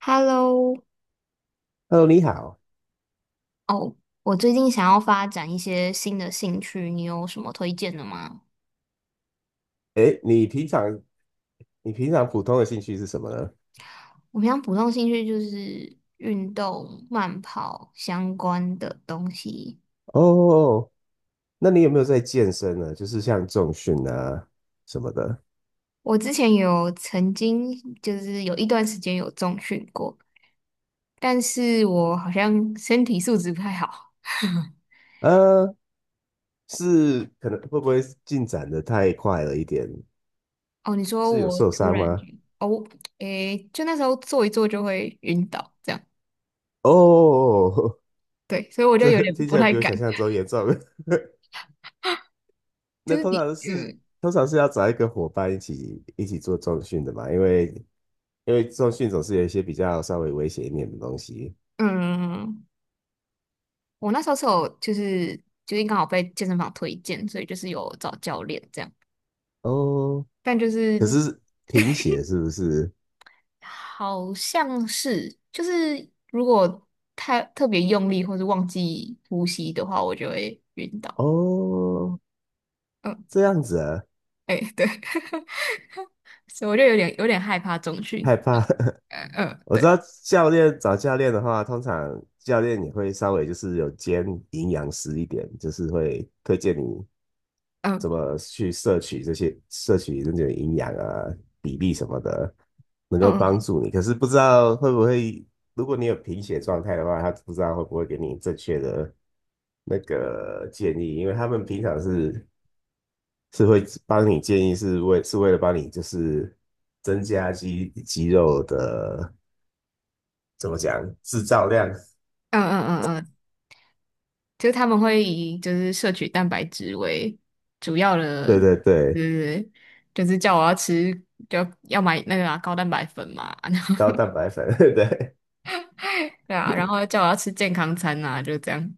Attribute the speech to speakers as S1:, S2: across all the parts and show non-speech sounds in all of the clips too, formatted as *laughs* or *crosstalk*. S1: Hello,
S2: Hello，你好。
S1: 哦，我最近想要发展一些新的兴趣，你有什么推荐的吗？
S2: 哎，你平常普通的兴趣是什么呢？
S1: 我平常普通兴趣就是运动、慢跑相关的东西。
S2: 哦，那你有没有在健身呢？就是像重训啊什么的。
S1: 我之前曾经有一段时间有重训过，但是我好像身体素质不太好。
S2: 呃，是可能会不会进展的太快了一点？
S1: 哦，你说
S2: 是有
S1: 我
S2: 受
S1: 突
S2: 伤
S1: 然就
S2: 吗？
S1: 哦，诶，就那时候做一做就会晕倒，这样，
S2: 哦，
S1: 对，所以我
S2: *laughs*
S1: 就
S2: 这
S1: 有点
S2: 听
S1: 不
S2: 起来
S1: 太
S2: 比我
S1: 敢，
S2: 想象中严重。*laughs*
S1: 就
S2: 那
S1: 是
S2: 通
S1: 你，
S2: 常是
S1: 嗯。
S2: 通常是要找一个伙伴一起做重训的嘛，因为重训总是有一些比较稍微危险一点的东西。
S1: 嗯，我那时候是有就是最近刚好被健身房推荐，所以就是有找教练这样，
S2: 哦，
S1: 但就
S2: 可
S1: 是
S2: 是贫血是不是？
S1: 好像是就是如果太特别用力或是忘记呼吸的话，我就会晕倒。
S2: 哦，
S1: 嗯，
S2: 这样子啊，
S1: 哎、对，*laughs* 所以我就有点害怕中训。
S2: 害怕。*laughs*
S1: 嗯嗯，
S2: 我知
S1: 对，
S2: 道找教练的话，通常教练也会稍微就是有兼营养师一点，就是会推荐你怎
S1: 嗯
S2: 么去摄取那种营养啊、比例什么的，能够
S1: 嗯
S2: 帮
S1: 嗯
S2: 助你。可是不知道会不会，如果你有贫血状态的话，他不知道会不会给你正确的那个建议，因为他们平常是会帮你建议，是为了帮你就是增加肌肉的怎么讲制造量？
S1: 嗯嗯嗯嗯，就是他们会以就是摄取蛋白质为主要的，
S2: 对对
S1: 对
S2: 对，
S1: 对对就是叫我要吃，就要买那个啊高蛋白粉嘛，啊
S2: 高蛋白粉，*laughs* 对，
S1: 对啊，然后叫我要吃健康餐啊，就这样。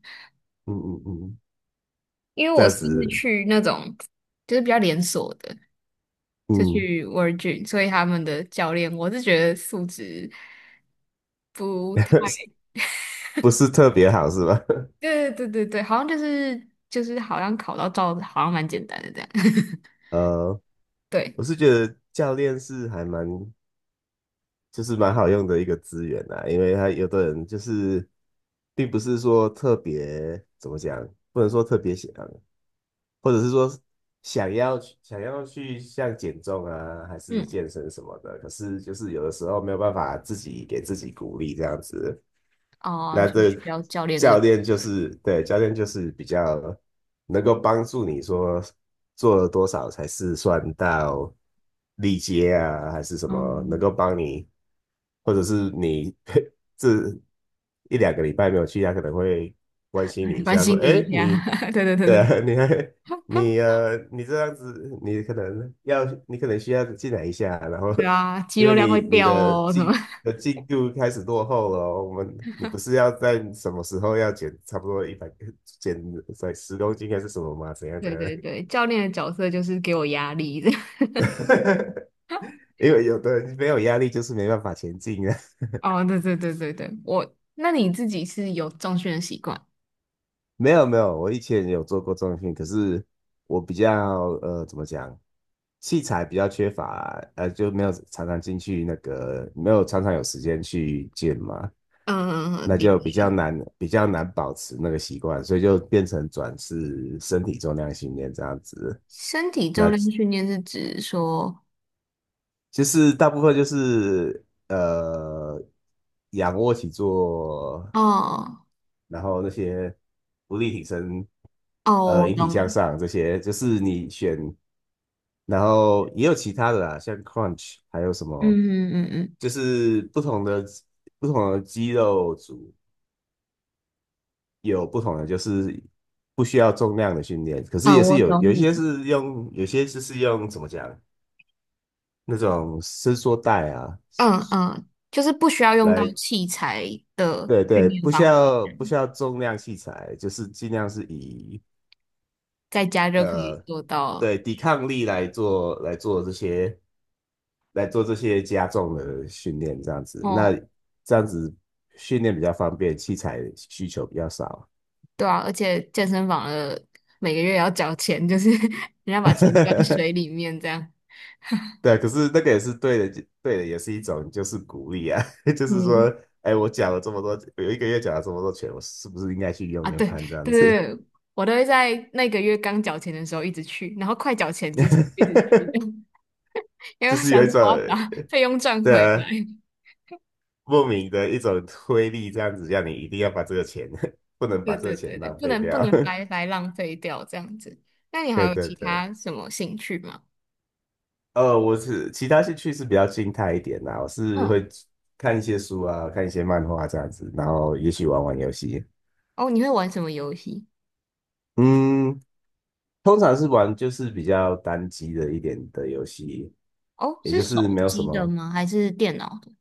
S2: 嗯嗯嗯，
S1: 因为
S2: 这
S1: 我
S2: 样
S1: 算是
S2: 子，
S1: 去那种就是比较连锁的，就
S2: 嗯，
S1: 去 Virgin,所以他们的教练我是觉得素质不太，
S2: *laughs* 不是特别好是吧？*laughs*
S1: 对对对对，好像就是好像考到照好像蛮简单的这样。*laughs*
S2: 呃，
S1: 对，
S2: 我是觉得教练是还蛮就是蛮好用的一个资源啦，因为他有的人就是并不是说特别怎么讲，不能说特别想。或者是说想要去像减重啊，还是
S1: 嗯，
S2: 健身什么的，可是就是有的时候没有办法自己给自己鼓励这样子。
S1: 哦、
S2: 那
S1: 就是
S2: 这
S1: 需要教练这个
S2: 教
S1: 角
S2: 练就
S1: 色，
S2: 是对教练就是比较能够帮助你说做了多少才是算到力竭啊，还是什么能
S1: 嗯，
S2: 够帮你，或者是你 *laughs* 这一两个礼拜没有去，他可能会关心你
S1: 哎
S2: 一
S1: 关
S2: 下，说：
S1: 心你
S2: “哎，
S1: 一下，
S2: 你
S1: *laughs* 对对对对
S2: 对
S1: 对。
S2: 啊，你
S1: *laughs*
S2: 你这样子，你可能需要进来一下，然后
S1: 对啊，肌
S2: 因
S1: 肉
S2: 为
S1: 量会
S2: 你你
S1: 掉
S2: 的
S1: 哦，什么？
S2: 进度开始落后了哦我们，你不是要在什么时候要减差不多一百减在10公斤还是什么吗？怎
S1: *laughs*
S2: 样怎
S1: 对
S2: 样？
S1: 对对，教练的角色就是给我压力的。
S2: *laughs*
S1: *laughs*
S2: 因为有的人没有压力就是没办法前进啊。
S1: 哦，对对对对对，我，那你自己是有重训的习惯？
S2: 没有没有，我以前也有做过重种训练，可是我比较怎么讲，器材比较缺乏啦就没有常常进去那个，没有常常有时间去健嘛，
S1: 嗯，
S2: 那
S1: 理
S2: 就比较
S1: 解。
S2: 难比较难保持那个习惯，所以就变成转是身体重量训练这样子，
S1: 身体重量训练是指说，
S2: 其是大部分就是仰卧起坐，
S1: 哦
S2: 然后那些浮力挺身
S1: 哦，我
S2: 引体向
S1: 懂，
S2: 上这些，就是你选，然后也有其他的啦，像 crunch 还有什么，
S1: 嗯嗯嗯嗯
S2: 就是不同的肌肉组有不同的，就是不需要重量的训练，可是也
S1: 嗯，
S2: 是
S1: 我
S2: 有
S1: 懂
S2: 有一
S1: 你
S2: 些
S1: 的
S2: 是用，有些就是用怎么讲那种伸缩带啊
S1: 嗯嗯，就是不需要用到
S2: 来。
S1: 器材的
S2: 对
S1: 训
S2: 对，
S1: 练
S2: 不需
S1: 方法，
S2: 要不需要重量器材，就是尽量是以
S1: 在家就可以做到。
S2: 对抵抗力来做这些加重的训练，这样子，那
S1: 哦，
S2: 这样子训练比较方便，器材需求比较少。
S1: 对啊，而且健身房的每个月要缴钱，就是 *laughs* 人家把钱捐水里
S2: *laughs*
S1: 面这样。
S2: 对，可是那个也是对的，对的，也是一种就是鼓励啊，*laughs* 就是
S1: 嗯
S2: 说，哎，我讲了这么多，有1个月讲了这么多钱，我是不是应该去
S1: 啊，
S2: 用用
S1: 对
S2: 看这样
S1: 对对，
S2: 子？
S1: 对我都会在那个月刚缴钱的时候一直去，然后快缴钱之前一直去，
S2: *laughs*
S1: *laughs* 因为我
S2: 就是有
S1: 想
S2: 一
S1: 说
S2: 种
S1: 我要把 *laughs* 费用赚回来。
S2: 的
S1: *laughs*
S2: 莫名的一种推力，这样子让你一定要把这个钱，*laughs* 不能
S1: 对
S2: 把这个
S1: 对
S2: 钱
S1: 对对，
S2: 浪
S1: 不
S2: 费
S1: 能不
S2: 掉。
S1: 能白
S2: *laughs*
S1: 白浪费掉这样子。那你还
S2: 对
S1: 有
S2: 对
S1: 其
S2: 对。
S1: 他什么兴趣吗？
S2: 我是其他兴趣是比较静态一点啦，我是
S1: 嗯，
S2: 会看一些书啊，看一些漫画这样子，然后也许玩玩游戏。
S1: 哦，你会玩什么游戏？
S2: 嗯，通常是玩就是比较单机的一点的游戏，
S1: 哦，
S2: 也
S1: 是
S2: 就是
S1: 手
S2: 没有什
S1: 机的
S2: 么
S1: 吗？还是电脑的？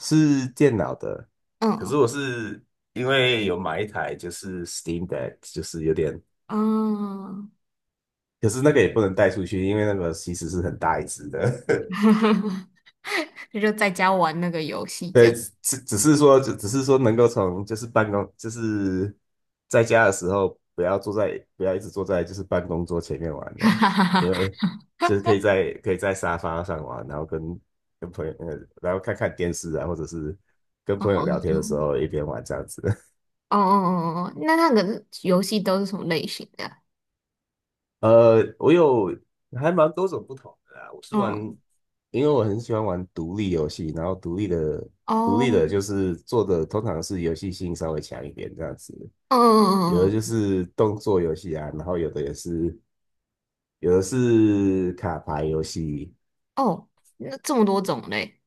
S2: 是电脑的。可
S1: 嗯
S2: 是我是因为有买一台就是 Steam Deck,就是有点，
S1: 嗯，
S2: 可是那个也不能带出去，因为那个其实是很大一只的。*laughs*
S1: *laughs* 啊就在家玩那个游戏这
S2: 对，
S1: 样。
S2: 只是说，只是说能够从就是办公，就是在家的时候，不要一直坐在就是办公桌前面玩了，因为
S1: *laughs*
S2: 就是可以在沙发上玩，然后跟朋友，然后看看电视啊，或者是跟
S1: 哦
S2: 朋友
S1: 哦
S2: 聊天的时
S1: 哦。
S2: 候一边玩这样子。*laughs*
S1: 哦哦哦哦，哦，那那个游戏都是什么类型的啊
S2: 呃，我有还蛮多种不同的啦，我是玩，
S1: 嗯
S2: 因为我很喜欢玩独立游戏，然后独立的
S1: 哦，
S2: 就是做的通常是游戏性稍微强一点这样子。
S1: 嗯
S2: 有
S1: 嗯嗯
S2: 的
S1: 嗯，
S2: 就
S1: 嗯
S2: 是动作游戏啊，然后有的是卡牌游戏，
S1: 哦，那这么多种类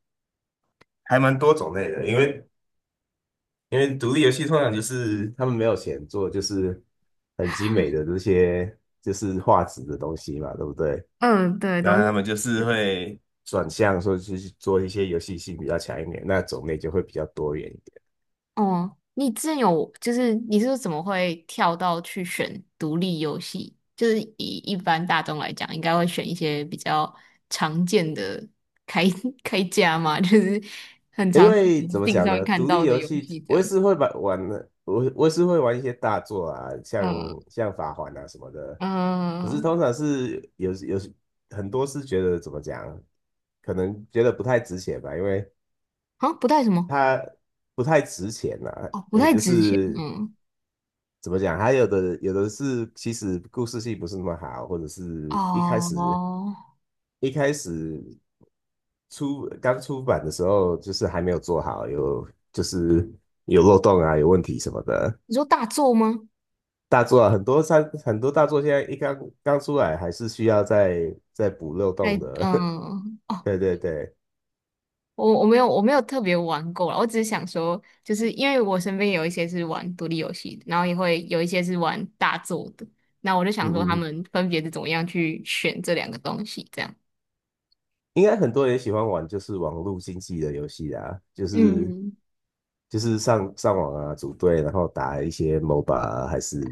S2: 还蛮多种类的。因为独立游戏通常就是他们没有钱做，就是很精美的这些就是画质的东西嘛，对不对？
S1: 嗯，对，都，
S2: 那他们就是会，转向说去做一些游戏性比较强一点，那种类就会比较多元。一点。
S1: 哦。你之前有就是你是怎么会跳到去选独立游戏？就是以一般大众来讲，应该会选一些比较常见的开 *laughs* 开价嘛，就是很
S2: 因
S1: 常
S2: 为怎
S1: s
S2: 么
S1: t
S2: 讲
S1: 上面
S2: 呢，
S1: 看
S2: 独
S1: 到
S2: 立
S1: 的
S2: 游
S1: 游
S2: 戏
S1: 戏这
S2: 我也
S1: 样。
S2: 是会把玩的，我也是会玩一些大作啊，像
S1: 嗯
S2: 像法环啊什么的。可是
S1: 嗯，
S2: 通常是有很多是觉得怎么讲，可能觉得不太值钱吧，因为
S1: 好像不太什么
S2: 它不太值钱呐、啊。
S1: 哦，不太
S2: 就
S1: 值钱。
S2: 是
S1: 嗯
S2: 怎么讲，还有的是其实故事性不是那么好，或者是一开始
S1: 哦，
S2: 一开始刚出版的时候，就是还没有做好，有就是有漏洞啊，有问题什么的。
S1: 你说大作吗？
S2: 大作啊，很多大作现在刚出来，还是需要再补漏
S1: 在
S2: 洞的。*laughs*
S1: 嗯，哦，
S2: 对对对，
S1: 我我没有我没有特别玩过啦，我只是想说，就是因为我身边有一些是玩独立游戏的，然后也会有一些是玩大作的，那我就
S2: 嗯
S1: 想说他
S2: 嗯，嗯
S1: 们分别是怎么样去选这两个东西，这样。
S2: 应该很多人喜欢玩就是网络竞技的游戏啊，就是
S1: 嗯，
S2: 就是上网啊，组队，然后打一些 MOBA 啊还是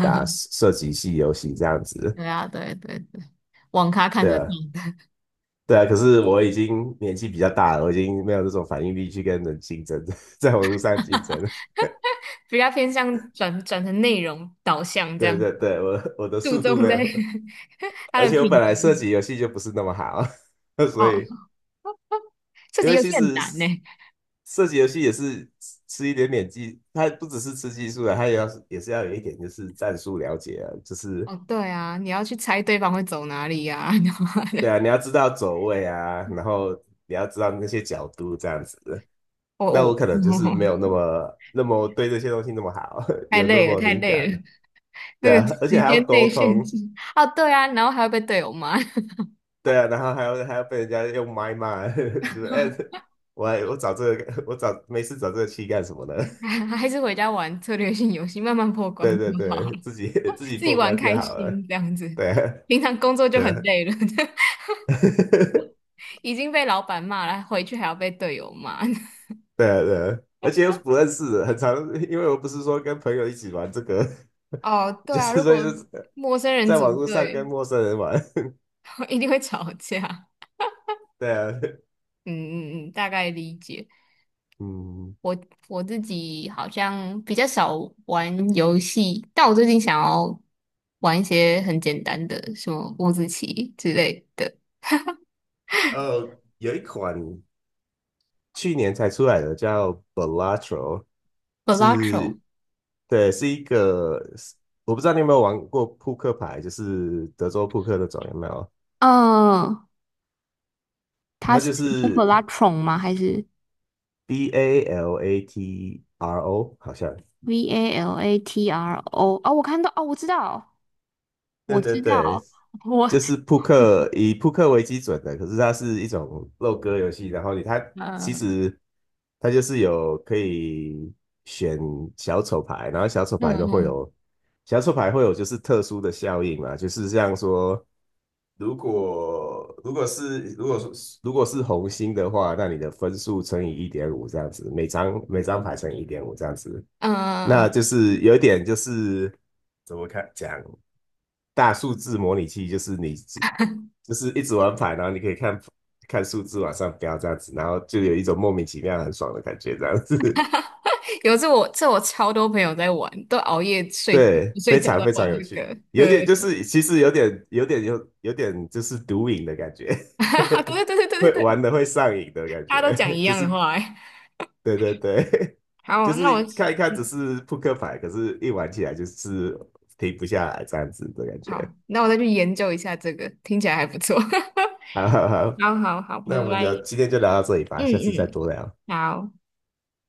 S2: 打 射击系游戏这样子。
S1: 对啊，对对对，网咖看
S2: 对
S1: 得懂，
S2: 啊，
S1: *laughs*
S2: 对啊，可是我已经年纪比较大了，我已经没有这种反应力去跟人竞争，*laughs* 在网络上竞争了。
S1: 比较偏向转成内容导向这
S2: 对
S1: 样，
S2: 对对，我的
S1: 注
S2: 速度
S1: 重
S2: 没
S1: 在
S2: 有，
S1: *laughs* 它
S2: 而
S1: 的
S2: 且我
S1: 品
S2: 本来射
S1: 质。
S2: 击游戏就不是那么好，*laughs* 所以
S1: 哦，这
S2: 因
S1: 题
S2: 为
S1: 游
S2: 其
S1: 戏很
S2: 实
S1: 难呢。
S2: 射击游戏也是吃一点点技，它不只是吃技术的，它也是要有一点就是战术了解啊，就是
S1: 哦，对啊，你要去猜对方会走哪里呀、*laughs* 然后还
S2: 对
S1: *laughs*
S2: 啊，你要知道走位啊，然后你要知道那些角度这样子。
S1: 哦
S2: 那我
S1: 哦，
S2: 可能就是没有那
S1: *laughs*
S2: 么那么对这些东西那么好，*laughs*
S1: 太
S2: 有那
S1: 累了，
S2: 么
S1: 太
S2: 灵
S1: 累
S2: 感。
S1: 了，那
S2: 对
S1: 个
S2: 啊，而且
S1: 时
S2: 还要
S1: 间
S2: 沟
S1: 内限
S2: 通，
S1: 制。哦，对啊，然后还要被队友骂，
S2: 对啊，然后还要被人家用麦骂，*laughs* 就是哎、
S1: *laughs*
S2: 我找这个，我找没事找这个气干什么呢？*laughs*
S1: 还还是回家玩策略性游戏，慢慢破关
S2: 对对
S1: 就好，
S2: 对，自己 *laughs* 自己
S1: 自己
S2: 破
S1: 玩
S2: 关就
S1: 开
S2: 好了，
S1: 心这样子。
S2: 对啊
S1: 平常工作就
S2: 对
S1: 很
S2: 啊
S1: 累了，
S2: *laughs*
S1: *laughs* 已经被老板骂了，回去还要被队友骂。
S2: 对啊对啊，而且又是不认识的，很常，因为我不是说跟朋友一起玩这个，
S1: *laughs* 哦，
S2: *laughs*
S1: 对
S2: 就
S1: 啊，
S2: 是
S1: 如
S2: 所以
S1: 果
S2: 就是
S1: 陌生人
S2: 在网
S1: 组
S2: 络上
S1: 队，
S2: 跟陌生人玩，
S1: *laughs* 一定会吵架。
S2: *laughs* 对啊，
S1: 嗯嗯嗯，大概理解。
S2: 嗯，
S1: 我我自己好像比较少玩游戏，但我最近想要玩一些很简单的，什么五子棋之类的。
S2: 有一款去年才出来的叫 Balatro。
S1: Balatro,
S2: 是对，是一个，我不知道你有没有玩过扑克牌，就是德州扑克那种，有没有？
S1: 嗯，它
S2: 它就
S1: 是
S2: 是
S1: Velatron 吗？还是
S2: Balatro,好像。
S1: VALATRO?哦，我看到，哦，我知道，
S2: 对
S1: 我
S2: 对
S1: 知
S2: 对，
S1: 道，我
S2: 就是扑克，以扑克为基准的，可是它是一种肉鸽游戏，然后你它其
S1: 嗯
S2: 实它就是有可以选小丑牌，然后
S1: 嗯嗯
S2: 小丑牌会有就是特殊的效应嘛，就是像说。如果是红心的话，那你的分数乘以一点五这样子，每张牌乘以一点五这样子，
S1: 嗯，
S2: 那
S1: 嗯，
S2: 就是有一点就是怎么讲大数字模拟器，就是你就是一直玩牌，然后你可以看看数字往上飙这样子，然后就有一种莫名其妙很爽的感觉这样子。
S1: 有次我这我超多朋友在玩，都熬夜睡
S2: 对，
S1: 不睡
S2: 非
S1: 觉都
S2: 常
S1: 在
S2: 非常
S1: 玩
S2: 有
S1: 这个。
S2: 趣，有
S1: 呃，
S2: 点就是其实有点就是毒瘾的感觉，
S1: *laughs* 对
S2: *laughs*
S1: 对对对对
S2: 会
S1: 对，
S2: 玩的会上瘾的感
S1: 大家都
S2: 觉，
S1: 讲一
S2: *laughs* 就
S1: 样
S2: 是
S1: 的话欸。
S2: 对对对，*laughs* 就
S1: 好，那
S2: 是
S1: 我
S2: 看一看只
S1: 嗯，
S2: 是扑克牌，可是一玩起来就是停不下来这样子的感
S1: 好，
S2: 觉。
S1: 那我再去研究一下这个，听起来还不错。*laughs*
S2: 好好好，
S1: 好好好，拜
S2: 那我们聊
S1: 拜。
S2: 今天就聊到这里吧，
S1: 嗯
S2: 下次再
S1: 嗯，
S2: 多聊。
S1: 好。